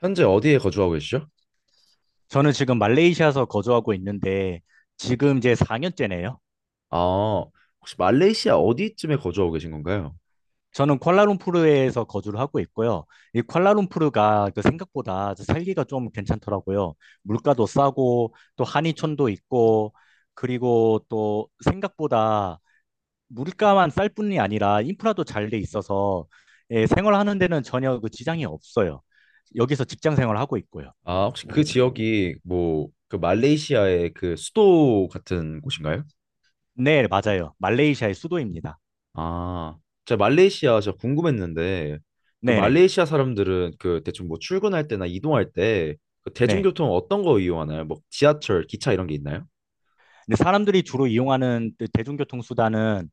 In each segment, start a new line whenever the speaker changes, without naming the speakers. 현재 어디에 거주하고 계시죠?
저는 지금 말레이시아에서 거주하고 있는데 지금 이제 4년째네요.
아, 혹시 말레이시아 어디쯤에 거주하고 계신 건가요?
저는 쿠알라룸푸르에서 거주를 하고 있고요. 이 쿠알라룸푸르가 그 생각보다 살기가 좀 괜찮더라고요. 물가도 싸고 또 한의촌도 있고 그리고 또 생각보다 물가만 쌀 뿐이 아니라 인프라도 잘돼 있어서 예, 생활하는 데는 전혀 그 지장이 없어요. 여기서 직장 생활하고 있고요.
아, 혹시 그 지역이 뭐 그 말레이시아의 그 수도 같은 곳인가요?
네, 맞아요. 말레이시아의 수도입니다.
아, 제가 말레이시아 제가 궁금했는데 그
네네.
말레이시아 사람들은 그 대충 뭐 출근할 때나 이동할 때그
네. 네.
대중교통 어떤 거 이용하나요? 뭐 지하철, 기차 이런 게 있나요?
근데 사람들이 주로 이용하는 그 대중교통 수단은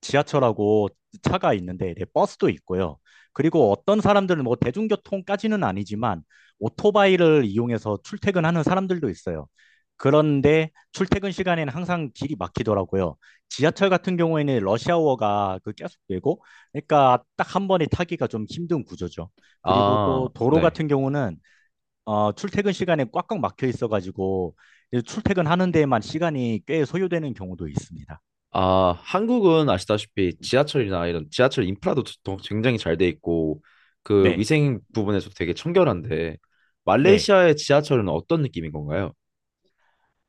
지하철하고 차가 있는데 네, 버스도 있고요. 그리고 어떤 사람들은 뭐 대중교통까지는 아니지만 오토바이를 이용해서 출퇴근하는 사람들도 있어요. 그런데 출퇴근 시간에는 항상 길이 막히더라고요. 지하철 같은 경우에는 러시아워가 그 계속되고, 그러니까 딱 한 번에 타기가 좀 힘든 구조죠. 그리고
아,
또 도로
네.
같은 경우는 출퇴근 시간에 꽉꽉 막혀 있어가지고 이제 출퇴근하는 데에만 시간이 꽤 소요되는 경우도 있습니다.
아, 한국은 아시다시피 지하철이나 이런 지하철 인프라도 굉장히 잘 돼 있고 그
네,
위생 부분에서 되게 청결한데
네.
말레이시아의 지하철은 어떤 느낌인 건가요?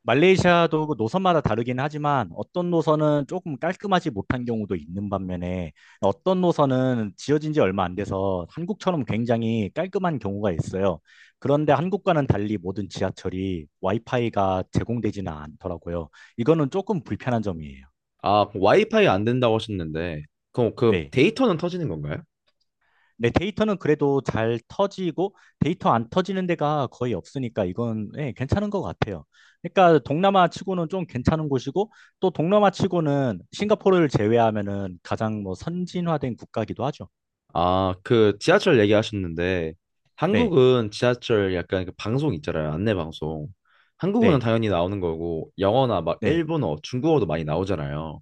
말레이시아도 그 노선마다 다르긴 하지만 어떤 노선은 조금 깔끔하지 못한 경우도 있는 반면에 어떤 노선은 지어진 지 얼마 안 돼서 한국처럼 굉장히 깔끔한 경우가 있어요. 그런데 한국과는 달리 모든 지하철이 와이파이가 제공되지는 않더라고요. 이거는 조금 불편한 점이에요.
아, 그 와이파이 안 된다고 하셨는데 그럼 그
네.
데이터는 터지는 건가요?
네, 데이터는 그래도 잘 터지고 데이터 안 터지는 데가 거의 없으니까 이건 예, 괜찮은 것 같아요. 그러니까 동남아 치고는 좀 괜찮은 곳이고 또 동남아 치고는 싱가포르를 제외하면은 가장 뭐 선진화된 국가기도 하죠.
아, 그 지하철 얘기하셨는데
네,
한국은 지하철 약간 그 방송 있잖아요. 안내 방송. 한국어는
네,
당연히 나오는 거고 영어나 막
네,
일본어, 중국어도 많이 나오잖아요.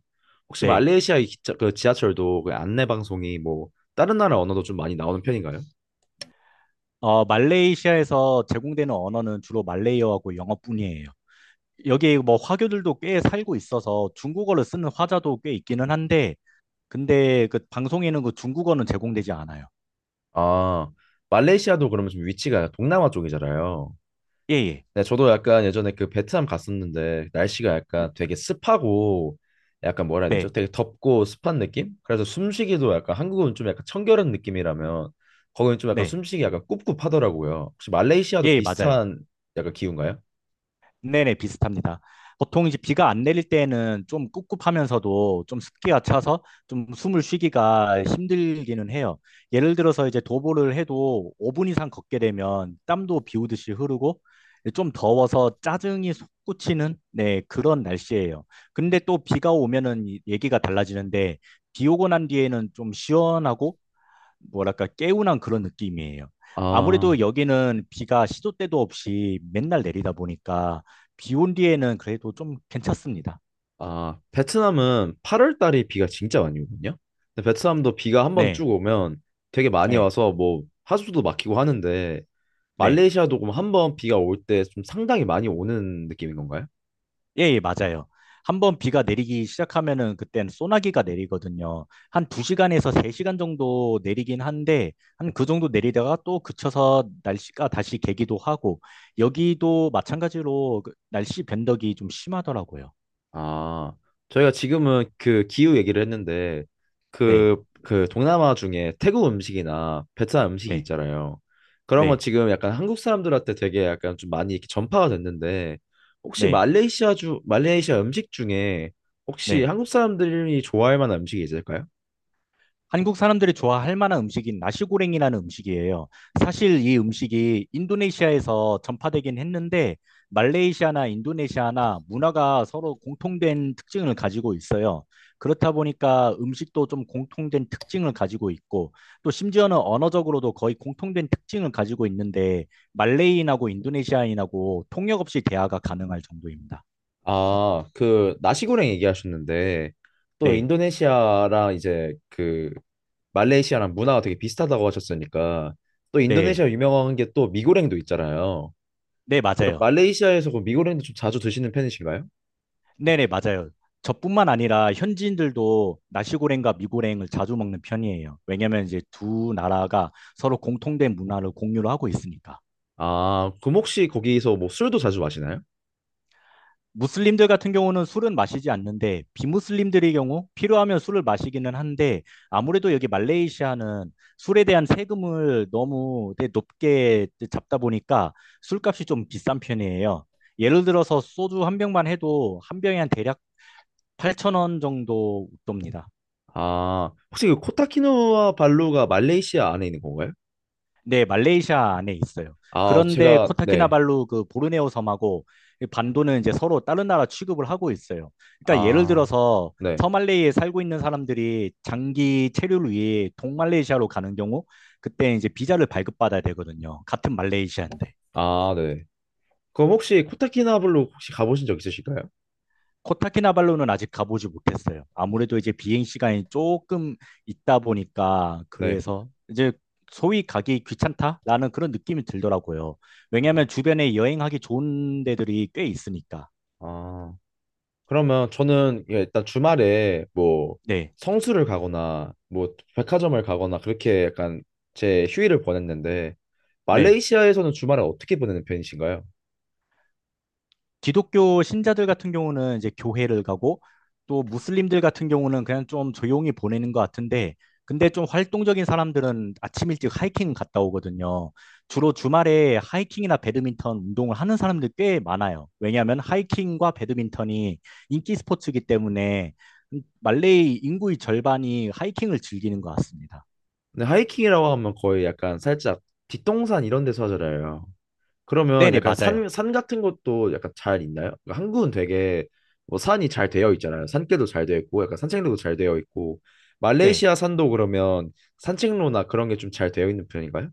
혹시
네.
말레이시아 의 기차, 그 지하철도 그 안내 방송이 뭐 다른 나라 언어도 좀 많이 나오는 편인가요?
말레이시아에서 제공되는 언어는 주로 말레이어하고 영어뿐이에요. 여기 뭐 화교들도 꽤 살고 있어서 중국어를 쓰는 화자도 꽤 있기는 한데 근데 그 방송에는 그 중국어는 제공되지 않아요.
아, 말레이시아도 그러면 좀 위치가 동남아 쪽이잖아요.
예, 예.
네, 저도 약간 예전에 그 베트남 갔었는데 날씨가
네.
약간 되게 습하고 약간 뭐라 해야 되죠?
네.
되게 덥고 습한 느낌? 그래서 숨쉬기도 약간 한국은 좀 약간 청결한 느낌이라면 거기는 좀 약간
네,
숨쉬기 약간 꿉꿉하더라고요. 혹시 말레이시아도
예, 맞아요.
비슷한 약간 기운가요?
네네, 비슷합니다. 보통 이제 비가 안 내릴 때는 좀 꿉꿉하면서도 좀 습기가 차서 좀 숨을 쉬기가 힘들기는 해요. 예를 들어서 이제 도보를 해도 5분 이상 걷게 되면 땀도 비 오듯이 흐르고 좀 더워서 짜증이 솟구치는 네, 그런 날씨예요. 근데 또 비가 오면은 얘기가 달라지는데 비 오고 난 뒤에는 좀 시원하고 뭐랄까 개운한 그런 느낌이에요. 아무래도
아,
여기는 비가 시도 때도 없이 맨날 내리다 보니까 비 온 뒤에는 그래도 좀 괜찮습니다.
아, 베트남은 8월 달에 비가 진짜 많이 오거든요. 근데 베트남도 비가 한번 쭉
네,
오면 되게 많이
네,
와서 뭐 하수도 막히고 하는데
네,
말레이시아도 그럼 한번 비가 올 때 좀 상당히 많이 오는 느낌인 건가요?
예, 예, 맞아요. 한번 비가 내리기 시작하면은 그땐 소나기가 내리거든요. 한 2시간에서 3시간 정도 내리긴 한데 한 그 정도 내리다가 또 그쳐서 날씨가 다시 개기도 하고 여기도 마찬가지로 그 날씨 변덕이 좀 심하더라고요.
아, 저희가 지금은 그 기후 얘기를 했는데
네,
그 동남아 중에 태국 음식이나 베트남 음식이
네,
있잖아요. 그런 건
네,
지금 약간 한국 사람들한테 되게 약간 좀 많이 이렇게 전파가 됐는데 혹시
네,
말레이시아 주 말레이시아 음식 중에 혹시
네.
한국 사람들이 좋아할 만한 음식이 있을까요?
한국 사람들이 좋아할 만한 음식인 나시고랭이라는 음식이에요. 사실 이 음식이 인도네시아에서 전파되긴 했는데 말레이시아나 인도네시아나 문화가 서로 공통된 특징을 가지고 있어요. 그렇다 보니까 음식도 좀 공통된 특징을 가지고 있고 또 심지어는 언어적으로도 거의 공통된 특징을 가지고 있는데 말레이인하고 인도네시아인하고 통역 없이 대화가 가능할 정도입니다.
아, 그 나시고랭 얘기하셨는데 또
네,
인도네시아랑 이제 그 말레이시아랑 문화가 되게 비슷하다고 하셨으니까 또
네,
인도네시아 유명한 게 또 미고랭도 있잖아요.
네,
그럼
맞아요.
말레이시아에서 그 미고랭도 좀 자주 드시는 편이신가요?
네네, 맞아요. 저뿐만 아니라 현지인들도 나시고랭과 미고랭을 자주 먹는 편이에요. 왜냐면 이제 두 나라가 서로 공통된 문화를 공유를 하고 있으니까.
아, 그럼 혹시 거기서 뭐 술도 자주 마시나요?
무슬림들 같은 경우는 술은 마시지 않는데 비무슬림들의 경우 필요하면 술을 마시기는 한데 아무래도 여기 말레이시아는 술에 대한 세금을 너무 되게 높게 잡다 보니까 술값이 좀 비싼 편이에요. 예를 들어서 소주 한 병만 해도 한 병에 한 대략 8천 원 정도 돕니다.
아, 혹시 그 코타키누아 발루가 말레이시아 안에 있는 건가요?
네, 말레이시아 안에 있어요.
아,
그런데
제가 네.
코타키나발루 그 보르네오 섬하고 이 반도는 이제 서로 다른 나라 취급을 하고 있어요. 그러니까 예를
아,
들어서
네.
서말레이에 살고 있는 사람들이 장기 체류를 위해 동말레이시아로 가는 경우 그때 이제 비자를 발급받아야 되거든요. 같은 말레이시아인데.
아, 네. 그럼 혹시 코타키나발루 혹시 가보신 적 있으실까요?
코타키나발루는 아직 가보지 못했어요. 아무래도 이제 비행 시간이 조금 있다 보니까
네.
그래서 이제 소위 가기 귀찮다라는 그런 느낌이 들더라고요.
어,
왜냐하면 주변에 여행하기 좋은 데들이 꽤 있으니까.
아. 그러면 저는 예, 일단 주말에 뭐
네,
성수를 가거나 뭐 백화점을 가거나 그렇게 약간 제 휴일을 보냈는데
네.
말레이시아에서는 주말에 어떻게 보내는 편이신가요?
기독교 신자들 같은 경우는 이제 교회를 가고 또 무슬림들 같은 경우는 그냥 좀 조용히 보내는 것 같은데 근데 좀 활동적인 사람들은 아침 일찍 하이킹 갔다 오거든요. 주로 주말에 하이킹이나 배드민턴 운동을 하는 사람들 꽤 많아요. 왜냐하면 하이킹과 배드민턴이 인기 스포츠이기 때문에 말레이 인구의 절반이 하이킹을 즐기는 것 같습니다.
근데 하이킹이라고 하면 거의 약간 살짝 뒷동산 이런 데서 하잖아요. 그러면
네네,
약간
맞아요.
산, 산 같은 것도 약간 잘 있나요? 그러니까 한국은 되게 뭐 산이 잘 되어 있잖아요. 산길도 잘 되어 있고 약간 산책로도 잘 되어 있고
네.
말레이시아 산도 그러면 산책로나 그런 게 좀 잘 되어 있는 편인가요?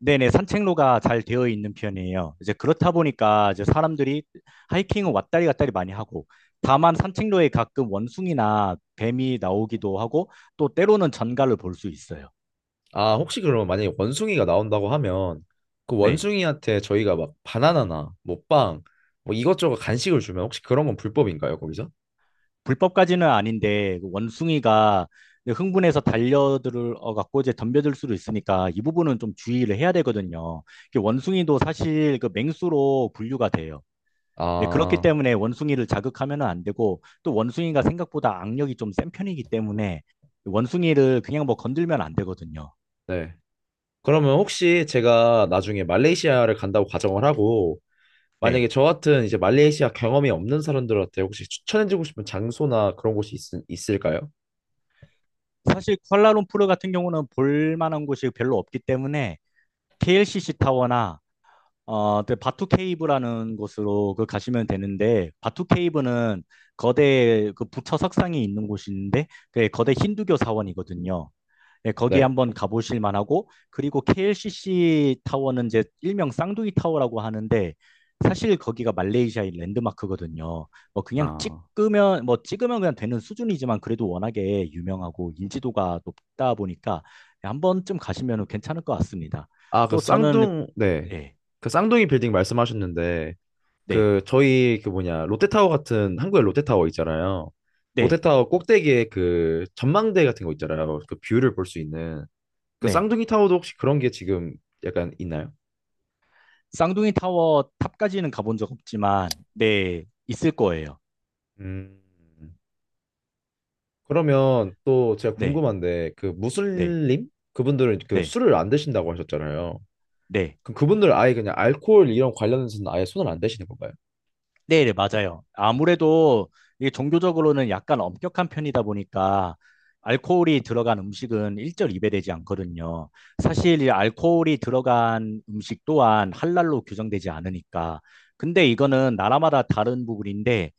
네네, 산책로가 잘 되어 있는 편이에요. 이제 그렇다 보니까 이제 사람들이 하이킹은 왔다리 갔다리 많이 하고, 다만 산책로에 가끔 원숭이나 뱀이 나오기도 하고, 또 때로는 전갈을 볼 수 있어요.
아, 혹시 그러면 만약에 원숭이가 나온다고 하면 그
네.
원숭이한테 저희가 막 바나나나 뭐 빵, 뭐 이것저것 간식을 주면 혹시 그런 건 불법인가요, 거기서?
불법까지는 아닌데, 그 원숭이가 흥분해서 달려들어 갖고 이제 덤벼들 수도 있으니까 이 부분은 좀 주의를 해야 되거든요. 이게 원숭이도 사실 그 맹수로 분류가 돼요. 네, 그렇기
아,
때문에 원숭이를 자극하면 안 되고, 또 원숭이가 생각보다 악력이 좀 센 편이기 때문에 원숭이를 그냥 뭐 건들면 안 되거든요.
네. 그러면 혹시 제가 나중에 말레이시아를 간다고 가정을 하고 만약에
네.
저 같은 이제 말레이시아 경험이 없는 사람들한테 혹시 추천해주고 싶은 장소나 그런 곳이 있, 을까요
사실 쿠알라룸푸르 같은 경우는 볼 만한 곳이 별로 없기 때문에 KLCC 타워나 그 바투 케이브라는 곳으로 그 가시면 되는데 바투 케이브는 거대 그 부처 석상이 있는 곳인데 그 거대 힌두교 사원이거든요. 네, 거기
네.
한번 가보실 만하고 그리고 KLCC 타워는 이제 일명 쌍둥이 타워라고 하는데 사실 거기가 말레이시아의 랜드마크거든요. 뭐 그냥
아,
찍으면 그냥 되는 수준이지만 그래도 워낙에 유명하고 인지도가 높다 보니까 한 번쯤 가시면 괜찮을 것 같습니다.
아, 그
또 저는
쌍둥, 네.
네,
그 쌍둥이 빌딩 말씀하셨는데
네,
그 저희 그 뭐냐 롯데타워 같은 한국에 롯데타워 있잖아요.
네,
롯데타워 꼭대기에 그 전망대 같은 거 있잖아요. 그 뷰를 볼 수 있는 그
네.
쌍둥이 타워도 혹시 그런 게 지금 약간 있나요?
쌍둥이 타워 탑까지는 가본 적 없지만 네, 있을 거예요.
음. 그러면 또 제가
네,
궁금한데 그
네,
무슬림 그분들은 그
네,
술을 안 드신다고 하셨잖아요.
네.
그분들 아예 그냥 알코올 이런 관련해서는 아예 손을 안 대시는 건가요?
네, 네, 맞아요. 아무래도 이게 종교적으로는 약간 엄격한 편이다 보니까 알코올이 들어간 음식은 일절 입에되지 않거든요. 사실 이 알코올이 들어간 음식 또한 할랄로 규정되지 않으니까. 근데 이거는 나라마다 다른 부분인데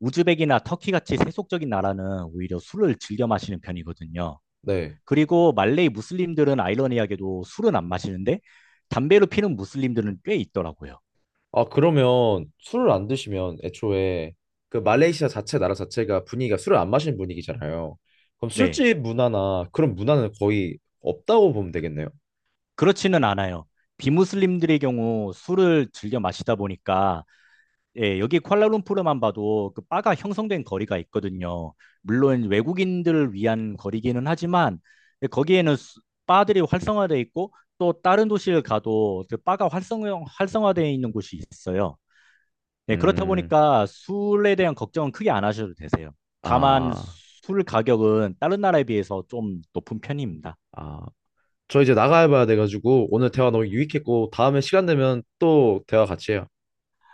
우즈벡이나 터키 같이 세속적인 나라는 오히려 술을 즐겨 마시는 편이거든요.
네.
그리고 말레이 무슬림들은 아이러니하게도 술은 안 마시는데 담배로 피는 무슬림들은 꽤 있더라고요.
아, 그러면 술을 안 드시면 애초에 그 말레이시아 자체 나라 자체가 분위기가 술을 안 마시는 분위기잖아요. 그럼
네.
술집 문화나 그런 문화는 거의 없다고 보면 되겠네요.
그렇지는 않아요. 비무슬림들의 경우 술을 즐겨 마시다 보니까 예, 여기 쿠알라룸푸르만 봐도 그 바가 형성된 거리가 있거든요. 물론 외국인들을 위한 거리기는 하지만 예, 거기에는 바들이 활성화돼 있고 또 다른 도시를 가도 그 바가 활성화되어 있는 곳이 있어요. 예, 그렇다
음,
보니까 술에 대한 걱정은 크게 안 하셔도 되세요. 다만
아,
술 가격은 다른 나라에 비해서 좀 높은 편입니다.
아. 저 이제 나가야 봐야 돼가지고 오늘 대화 너무 유익했고 다음에 시간 되면 또 대화 같이 해요.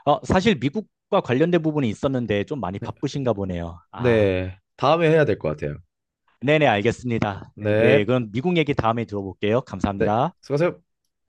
사실 미국과 관련된 부분이 있었는데 좀 많이
네,
바쁘신가 보네요. 아,
네. 다음에 해야 될 것 같아요.
네네, 알겠습니다. 네, 네,
네,
그럼 미국 얘기 다음에 들어볼게요.
네.
감사합니다.
수고하세요.